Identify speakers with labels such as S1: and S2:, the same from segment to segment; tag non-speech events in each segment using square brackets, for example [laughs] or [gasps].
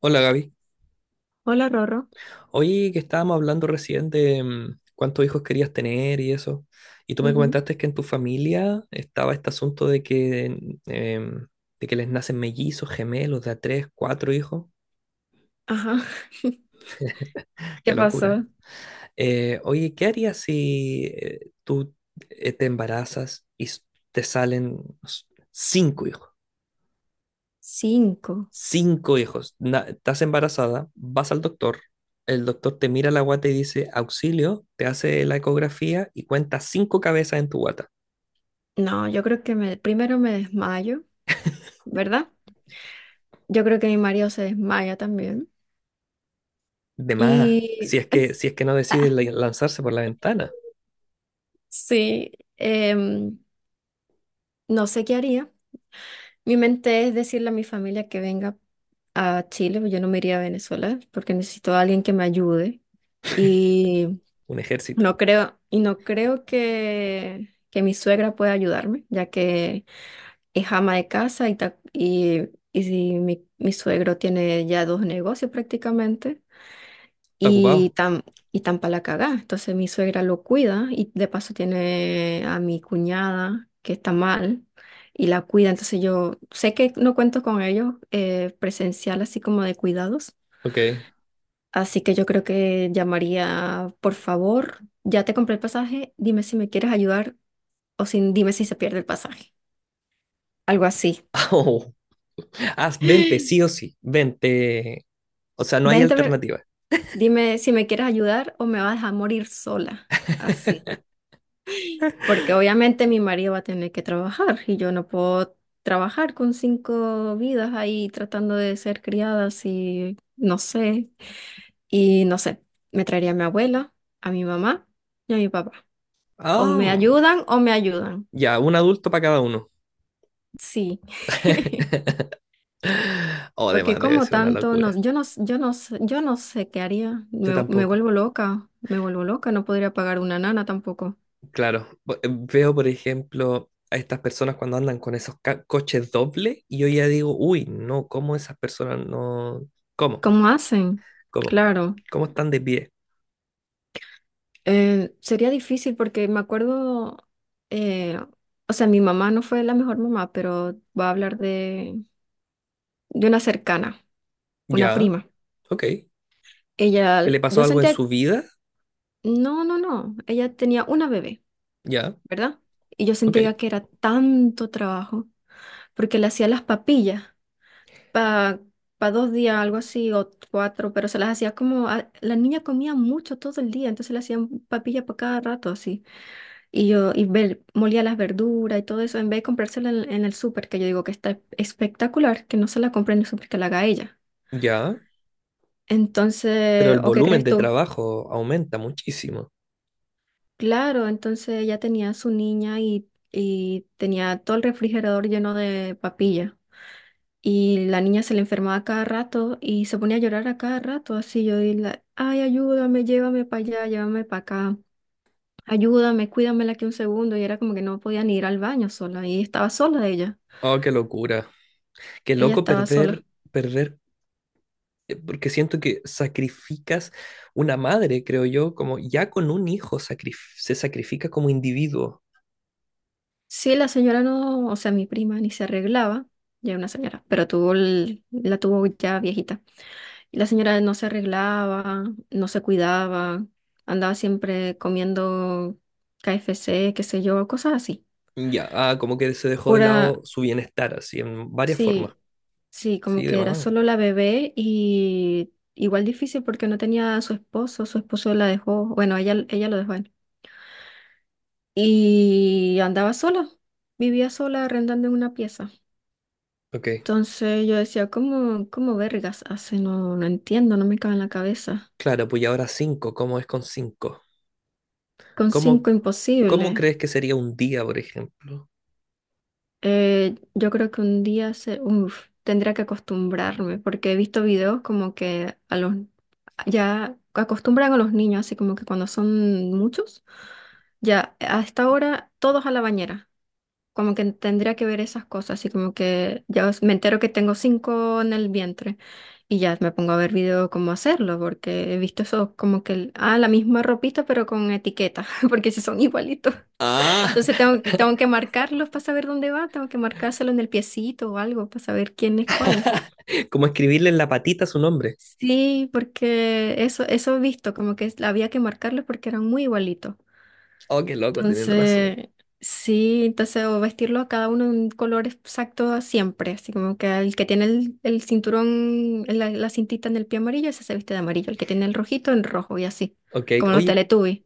S1: Hola, Gaby.
S2: Hola, Rorro.
S1: Oye, que estábamos hablando recién de cuántos hijos querías tener y eso. Y tú me
S2: Ujú.
S1: comentaste que en tu familia estaba este asunto mm, em, de que les nacen mellizos, gemelos, de a tres, cuatro hijos.
S2: Ajá. [laughs]
S1: Qué
S2: ¿Qué
S1: locura.
S2: pasó?
S1: Oye, ¿qué harías si tú te embarazas y te salen no sé, ¿cinco hijos?
S2: Cinco.
S1: Cinco hijos. Estás embarazada, vas al doctor, el doctor te mira la guata y dice, auxilio, te hace la ecografía y cuenta cinco cabezas en tu guata.
S2: No, yo creo que me, primero me desmayo, ¿verdad? Yo creo que mi marido se desmaya también.
S1: De más,
S2: Y
S1: si es que no decides
S2: [laughs]
S1: lanzarse por la ventana,
S2: sí, em, no sé qué haría. Mi mente es decirle a mi familia que venga a Chile, pues yo no me iría a Venezuela porque necesito a alguien que me ayude. y
S1: un ejército.
S2: no creo que mi suegra pueda ayudarme, ya que es ama de casa y, y si mi suegro tiene ya dos negocios prácticamente
S1: Está
S2: y
S1: ocupado.
S2: tan, y tan pa' la cagá. Entonces mi suegra lo cuida y de paso tiene a mi cuñada que está mal y la cuida. Entonces yo sé que no cuento con ellos, presencial así como de cuidados.
S1: Ok. [laughs]
S2: Así que yo creo que llamaría, por favor, ya te compré el pasaje, dime si me quieres ayudar o sin, dime si se pierde el pasaje. Algo así.
S1: Oh, haz 20 sí o
S2: [gasps]
S1: sí. 20, o sea, no hay
S2: Vente, a ver,
S1: alternativa.
S2: dime si me quieres ayudar o me vas a dejar morir sola. Así. Porque obviamente mi marido va a tener que trabajar y yo no puedo trabajar con cinco vidas ahí tratando de ser criadas y no sé. Y no sé, me traería a mi abuela, a mi mamá y a mi papá. O me
S1: Ah,
S2: ayudan o me ayudan.
S1: ya, un adulto para cada uno.
S2: Sí, [laughs]
S1: [laughs] O
S2: porque
S1: además debe
S2: como
S1: ser una
S2: tanto, no,
S1: locura.
S2: yo no, s- yo no, s- yo no sé qué haría,
S1: Yo
S2: me,
S1: tampoco.
S2: me vuelvo loca, no podría pagar una nana tampoco.
S1: Claro, veo por ejemplo a estas personas cuando andan con esos coches dobles y yo ya digo, uy, no, ¿cómo esas personas no? ¿Cómo?
S2: ¿Cómo hacen?
S1: ¿Cómo?
S2: Claro,
S1: ¿Cómo están de pie?
S2: sería difícil porque me acuerdo, eh, o sea, mi mamá no fue la mejor mamá, pero voy a hablar de una cercana, una
S1: Ya,
S2: prima.
S1: ok. ¿Que
S2: Ella,
S1: le pasó
S2: yo
S1: algo en
S2: sentía,
S1: su vida?
S2: no, no, no, ella tenía una bebé,
S1: Ya,
S2: ¿verdad? Y yo
S1: ok.
S2: sentía que era tanto trabajo porque le hacía las papillas para dos días, algo así, o cuatro, pero se las hacía como, a- la niña comía mucho todo el día, entonces le hacían papilla para cada rato así. Y yo, y ve- molía las verduras y todo eso, en vez de comprársela en el súper, que yo digo que está espectacular, que no se la compre en el súper, que la haga ella.
S1: Ya, pero
S2: Entonces,
S1: el
S2: ¿o qué
S1: volumen
S2: crees
S1: de
S2: tú?
S1: trabajo aumenta muchísimo.
S2: Claro, entonces ella tenía a su niña y tenía todo el refrigerador lleno de papilla. Y la niña se le enfermaba cada rato y se ponía a llorar a cada rato, así yo y la, ay, ayúdame, llévame para allá, llévame para acá, ayúdame, cuídamela aquí un segundo. Y era como que no podía ni ir al baño sola y estaba sola ella,
S1: Oh, qué locura. Qué
S2: ella
S1: loco
S2: estaba
S1: perder,
S2: sola.
S1: perder, porque siento que sacrificas una madre, creo yo, como ya con un hijo se sacrifica como individuo.
S2: Sí, la señora no, o sea, mi prima ni se arreglaba, ya era una señora, pero tuvo el- la tuvo ya viejita. Y la señora no se arreglaba, no se cuidaba, andaba siempre comiendo KFC, qué sé yo, cosas así.
S1: Ya, ah, como que se dejó de
S2: Pura,
S1: lado su bienestar, así, en varias formas.
S2: sí, sí, como
S1: Sí, de
S2: que era
S1: más.
S2: solo la bebé y igual difícil porque no tenía a su esposo la dejó, bueno, ella lo dejó a él. Y andaba sola, vivía sola arrendando en una pieza.
S1: Ok.
S2: Entonces yo decía, ¿cómo, cómo vergas hace? No, no entiendo, no me cabe en la cabeza.
S1: Claro, pues y ahora cinco, ¿cómo es con cinco?
S2: Con
S1: ¿Cómo,
S2: cinco
S1: cómo
S2: imposible.
S1: crees que sería un día, por ejemplo?
S2: Yo creo que un día se, uf, tendría que acostumbrarme, porque he visto videos como que a los ya acostumbran a los niños, así como que cuando son muchos, ya a esta hora todos a la bañera. Como que tendría que ver esas cosas, así como que ya os- me entero que tengo cinco en el vientre y ya me pongo a ver video cómo hacerlo, porque he visto eso como que, el- ah, la misma ropita pero con etiqueta, [laughs] porque si son igualitos.
S1: Ah,
S2: Entonces tengo, tengo que marcarlos para saber dónde va, tengo que marcárselo en el piecito o algo para saber quién es cuál.
S1: [laughs] como escribirle en la patita su nombre.
S2: Sí, porque eso he visto, como que había que marcarlos porque eran muy igualitos.
S1: Oh, qué loco, tienen razón.
S2: Entonces, sí, entonces, o vestirlo a cada uno en un color exacto siempre, así como que el que tiene el cinturón, la cintita en el pie amarillo, ese se viste de amarillo, el que tiene el rojito, en rojo y así,
S1: Ok,
S2: como los
S1: oye,
S2: Teletubbies.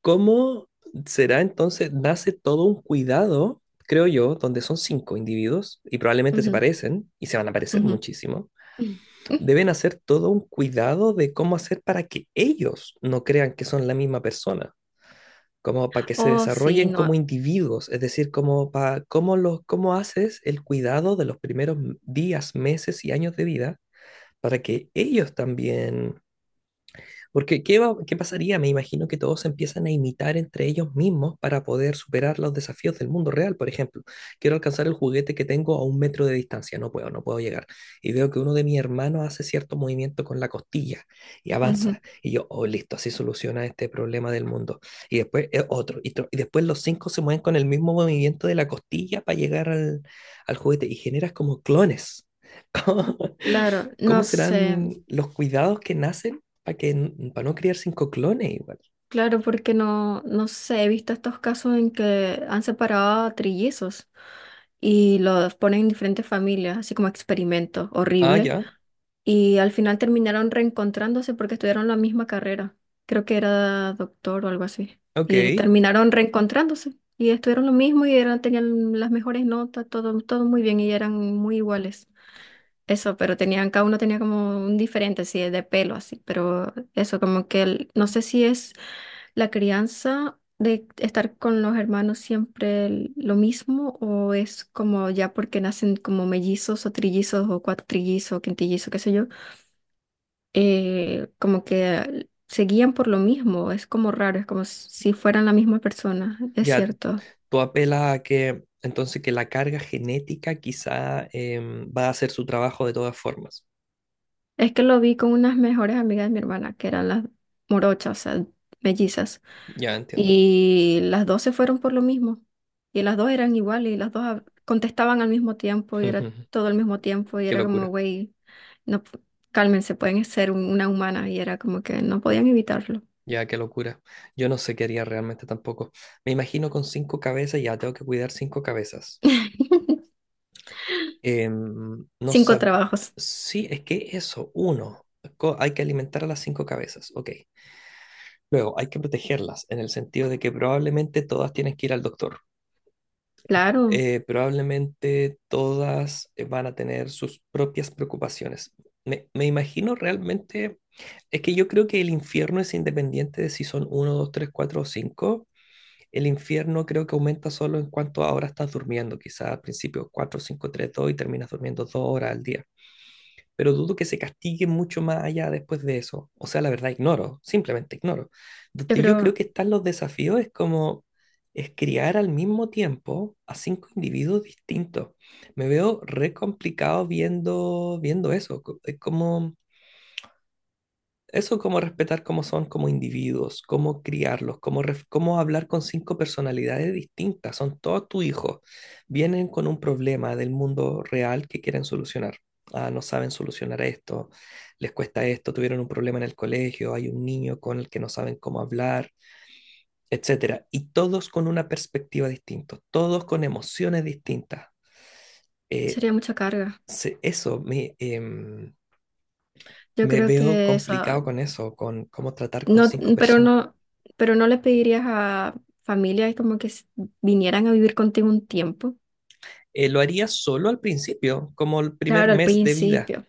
S1: ¿cómo será entonces? Nace todo un cuidado, creo yo, donde son cinco individuos y probablemente se
S2: Ujú,
S1: parecen y se van a parecer
S2: ujú.
S1: muchísimo.
S2: [laughs]
S1: Deben hacer todo un cuidado de cómo hacer para que ellos no crean que son la misma persona, como para que se
S2: Oh, sí,
S1: desarrollen como
S2: no.
S1: individuos, es decir, como para cómo los cómo haces el cuidado de los primeros días, meses y años de vida para que ellos también porque qué pasaría? Me imagino que todos se empiezan a imitar entre ellos mismos para poder superar los desafíos del mundo real. Por ejemplo, quiero alcanzar el juguete que tengo a 1 metro de distancia, no puedo, no puedo llegar. Y veo que uno de mis hermanos hace cierto movimiento con la costilla y
S2: Ujú.
S1: avanza. Y yo, oh, listo, así soluciona este problema del mundo. Y después otro, y, otro. Y después los cinco se mueven con el mismo movimiento de la costilla para llegar al juguete y generas como clones. [laughs] ¿Cómo,
S2: Claro,
S1: cómo
S2: no sé,
S1: serán los cuidados que nacen para que, para no criar cinco clones igual?
S2: claro, porque no, no sé, he visto estos casos en que han separado a trillizos y los ponen en diferentes familias, así como experimento
S1: Ah,
S2: horrible.
S1: ya.
S2: Y al final terminaron reencontrándose porque estudiaron la misma carrera. Creo que era doctor o algo así. Y
S1: Ok.
S2: terminaron reencontrándose y estuvieron lo mismo y eran, tenían las mejores notas, todo, todo muy bien y eran muy iguales. Eso, pero tenían, cada uno tenía como un diferente, así de pelo, así, pero eso, como que el- no sé si es la crianza de estar con los hermanos siempre el- lo mismo o es como ya porque nacen como mellizos o trillizos o cuatrillizos o quintillizos, qué sé yo, como que se guían por lo mismo, es como raro, es como si fueran la misma persona, es
S1: Ya,
S2: cierto.
S1: tú apelas a que entonces que la carga genética quizá va a hacer su trabajo de todas formas.
S2: Es que lo vi con unas mejores amigas de mi hermana, que eran las morochas, o sea, mellizas.
S1: Ya entiendo.
S2: Y las dos se fueron por lo mismo. Y las dos eran iguales, y las dos hab- contestaban al mismo tiempo, y era
S1: [laughs]
S2: todo al mismo tiempo, y
S1: Qué
S2: era como,
S1: locura.
S2: güey, no, p- cálmense, pueden ser un- una humana, y era como que no podían evitarlo.
S1: Ya, qué locura. Yo no sé qué haría realmente tampoco. Me imagino con cinco cabezas, ya tengo que cuidar cinco cabezas.
S2: [laughs]
S1: No
S2: Cinco
S1: sab...
S2: trabajos.
S1: Sí, es que eso, uno. Hay que alimentar a las cinco cabezas. Ok. Luego, hay que protegerlas en el sentido de que probablemente todas tienen que ir al doctor.
S2: Claro,
S1: Probablemente todas van a tener sus propias preocupaciones. Me imagino realmente, es que yo creo que el infierno es independiente de si son uno, 2, 3, 4 o 5. El infierno creo que aumenta solo en cuanto ahora estás durmiendo. Quizás al principio 4, 5, 3, 2 y terminas durmiendo 2 horas al día, pero dudo que se castigue mucho más allá después de eso. O sea, la verdad, ignoro, simplemente ignoro.
S2: yo
S1: Donde yo creo
S2: creo,
S1: que están los desafíos es como es criar al mismo tiempo a cinco individuos distintos. Me veo re complicado viendo eso. Es como eso, como respetar cómo son como individuos, cómo criarlos, cómo hablar con cinco personalidades distintas. Son todos tus hijos. Vienen con un problema del mundo real que quieren solucionar. Ah, no saben solucionar esto, les cuesta esto, tuvieron un problema en el colegio, hay un niño con el que no saben cómo hablar, etcétera. Y todos con una perspectiva distinta, todos con emociones distintas. Eh,
S2: sería mucha carga.
S1: Eso,
S2: Yo
S1: me
S2: creo
S1: veo
S2: que
S1: complicado
S2: esa,
S1: con eso, con cómo tratar con
S2: no,
S1: cinco
S2: pero
S1: personas.
S2: no, pero no le pedirías a familias como que s- vinieran a vivir contigo un tiempo.
S1: Lo haría solo al principio, como el primer
S2: Claro, al
S1: mes de vida.
S2: principio.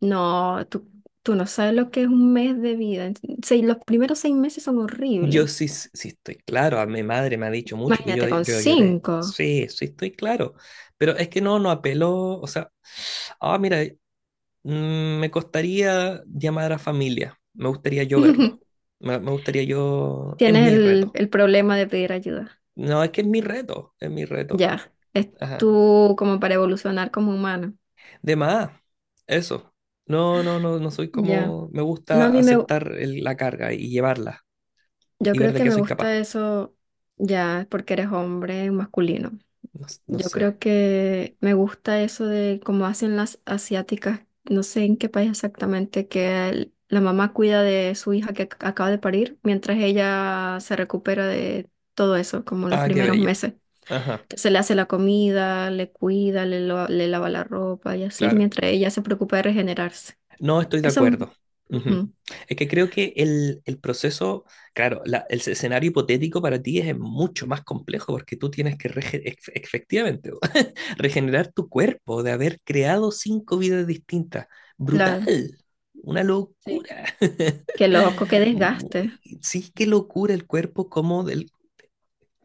S2: No, tú no sabes lo que es un mes de vida. En- seis- los primeros seis meses son
S1: Yo
S2: horribles.
S1: sí, sí sí estoy claro, a mi madre me ha dicho mucho que yo,
S2: Imagínate
S1: de-
S2: con
S1: yo lloré.
S2: cinco.
S1: Sí, sí estoy claro, pero es que no apeló, o sea, ah, mira, me costaría llamar a familia, me gustaría yo verlo,
S2: [laughs]
S1: me gustaría yo, es
S2: Tienes
S1: mi reto.
S2: el problema de pedir ayuda.
S1: No, es que es mi reto, es mi reto.
S2: Ya. Es
S1: Ajá.
S2: tú como para evolucionar como humano.
S1: De más, eso. No, no, no, no soy
S2: Ya.
S1: como, me gusta
S2: No, a mí me,
S1: aceptar la carga y llevarla
S2: yo
S1: y ver
S2: creo
S1: de
S2: que
S1: qué
S2: me
S1: soy capaz.
S2: gusta eso ya porque eres hombre masculino.
S1: No, no
S2: Yo
S1: sé.
S2: creo que me gusta eso de cómo hacen las asiáticas, no sé en qué país exactamente, que el- la mamá cuida de su hija que ac- acaba de parir mientras ella se recupera de todo eso, como los
S1: Ah, qué
S2: primeros
S1: bello.
S2: meses.
S1: Ajá,
S2: Se le hace la comida, le cuida, le, lo- le lava la ropa y así,
S1: claro.
S2: mientras ella se preocupa de regenerarse.
S1: No estoy de
S2: Eso, mm,
S1: acuerdo. Ujú.
S2: ujú,
S1: Es que creo que el proceso, claro, el escenario hipotético para ti es mucho más complejo porque tú tienes que efectivamente [laughs] regenerar tu cuerpo de haber creado cinco vidas distintas.
S2: claro,
S1: Brutal. Una
S2: sí.
S1: locura.
S2: Qué loco, qué
S1: [laughs]
S2: desgaste.
S1: Sí, qué locura el cuerpo, como del,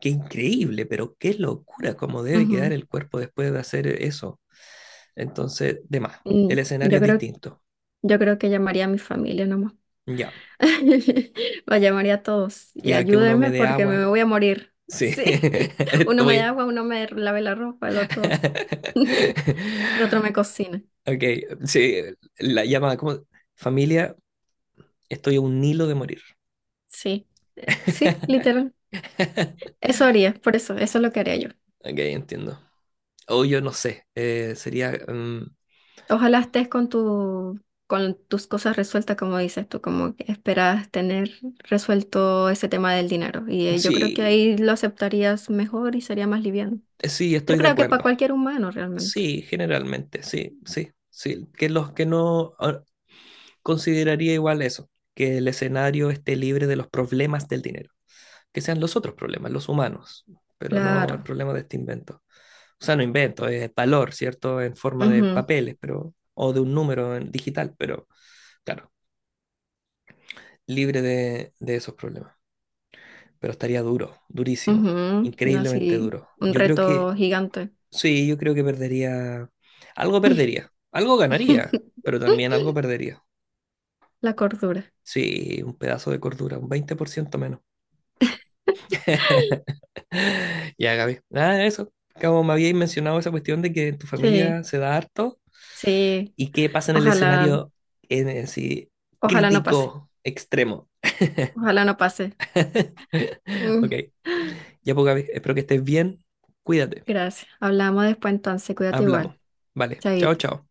S1: qué increíble, pero qué locura cómo debe quedar
S2: Ujú.
S1: el cuerpo después de hacer eso. Entonces, de más,
S2: Mm,
S1: el escenario
S2: yo
S1: es
S2: creo,
S1: distinto.
S2: yo creo que llamaría a mi familia nomás.
S1: Ya,
S2: [laughs] Vaya, María, a todos y
S1: ya que uno me
S2: ayúdenme
S1: dé
S2: porque me
S1: agua.
S2: voy a morir. [laughs]
S1: Sí, [laughs]
S2: Sí, uno me da
S1: estoy.
S2: agua, uno me lave la ropa, el otro, [laughs] el otro
S1: [laughs]
S2: me cocina.
S1: Ok, sí, la llama como familia, estoy a un hilo de morir.
S2: Sí, sí, literal.
S1: [laughs]
S2: Eso haría, por eso, eso es lo que haría yo.
S1: Ok, entiendo. O yo no sé, sería...
S2: Ojalá estés con tu, con tus cosas resueltas, como dices tú, como que esperas tener resuelto ese tema del dinero. Y yo creo que
S1: sí,
S2: ahí lo aceptarías mejor y sería más liviano.
S1: sí,
S2: Yo
S1: estoy de
S2: creo que para
S1: acuerdo.
S2: cualquier humano realmente.
S1: Sí, generalmente, sí, sí, sí. Que los que no... ah, consideraría igual eso, que el escenario esté libre de los problemas del dinero, que sean los otros problemas, los humanos, pero no el
S2: Claro.
S1: problema de este invento. O sea, no invento, es valor, ¿cierto? En forma de
S2: Ujú.
S1: papeles, pero, o de un número en digital, pero claro, libre de esos problemas. Pero estaría duro, durísimo,
S2: Ujú, no,
S1: increíblemente
S2: sí,
S1: duro.
S2: un
S1: Yo creo que,
S2: reto gigante.
S1: sí, yo creo que perdería, algo ganaría, pero también algo
S2: [laughs]
S1: perdería.
S2: La cordura.
S1: Sí, un pedazo de cordura, un 20% menos. [laughs] [laughs] Ya, Gaby. Nada, eso. Como me habíais mencionado esa cuestión de que en tu
S2: Sí,
S1: familia se da harto
S2: sí.
S1: y qué pasa en el
S2: Ojalá,
S1: escenario en sí
S2: ojalá no pase.
S1: crítico extremo.
S2: Ojalá no pase.
S1: [laughs] Ok.
S2: Mm,
S1: Ya, pues, Gaby, espero que estés bien. Cuídate.
S2: gracias. Hablamos después entonces. Cuídate igual.
S1: Hablamos. Vale. Chao,
S2: Chaito.
S1: chao.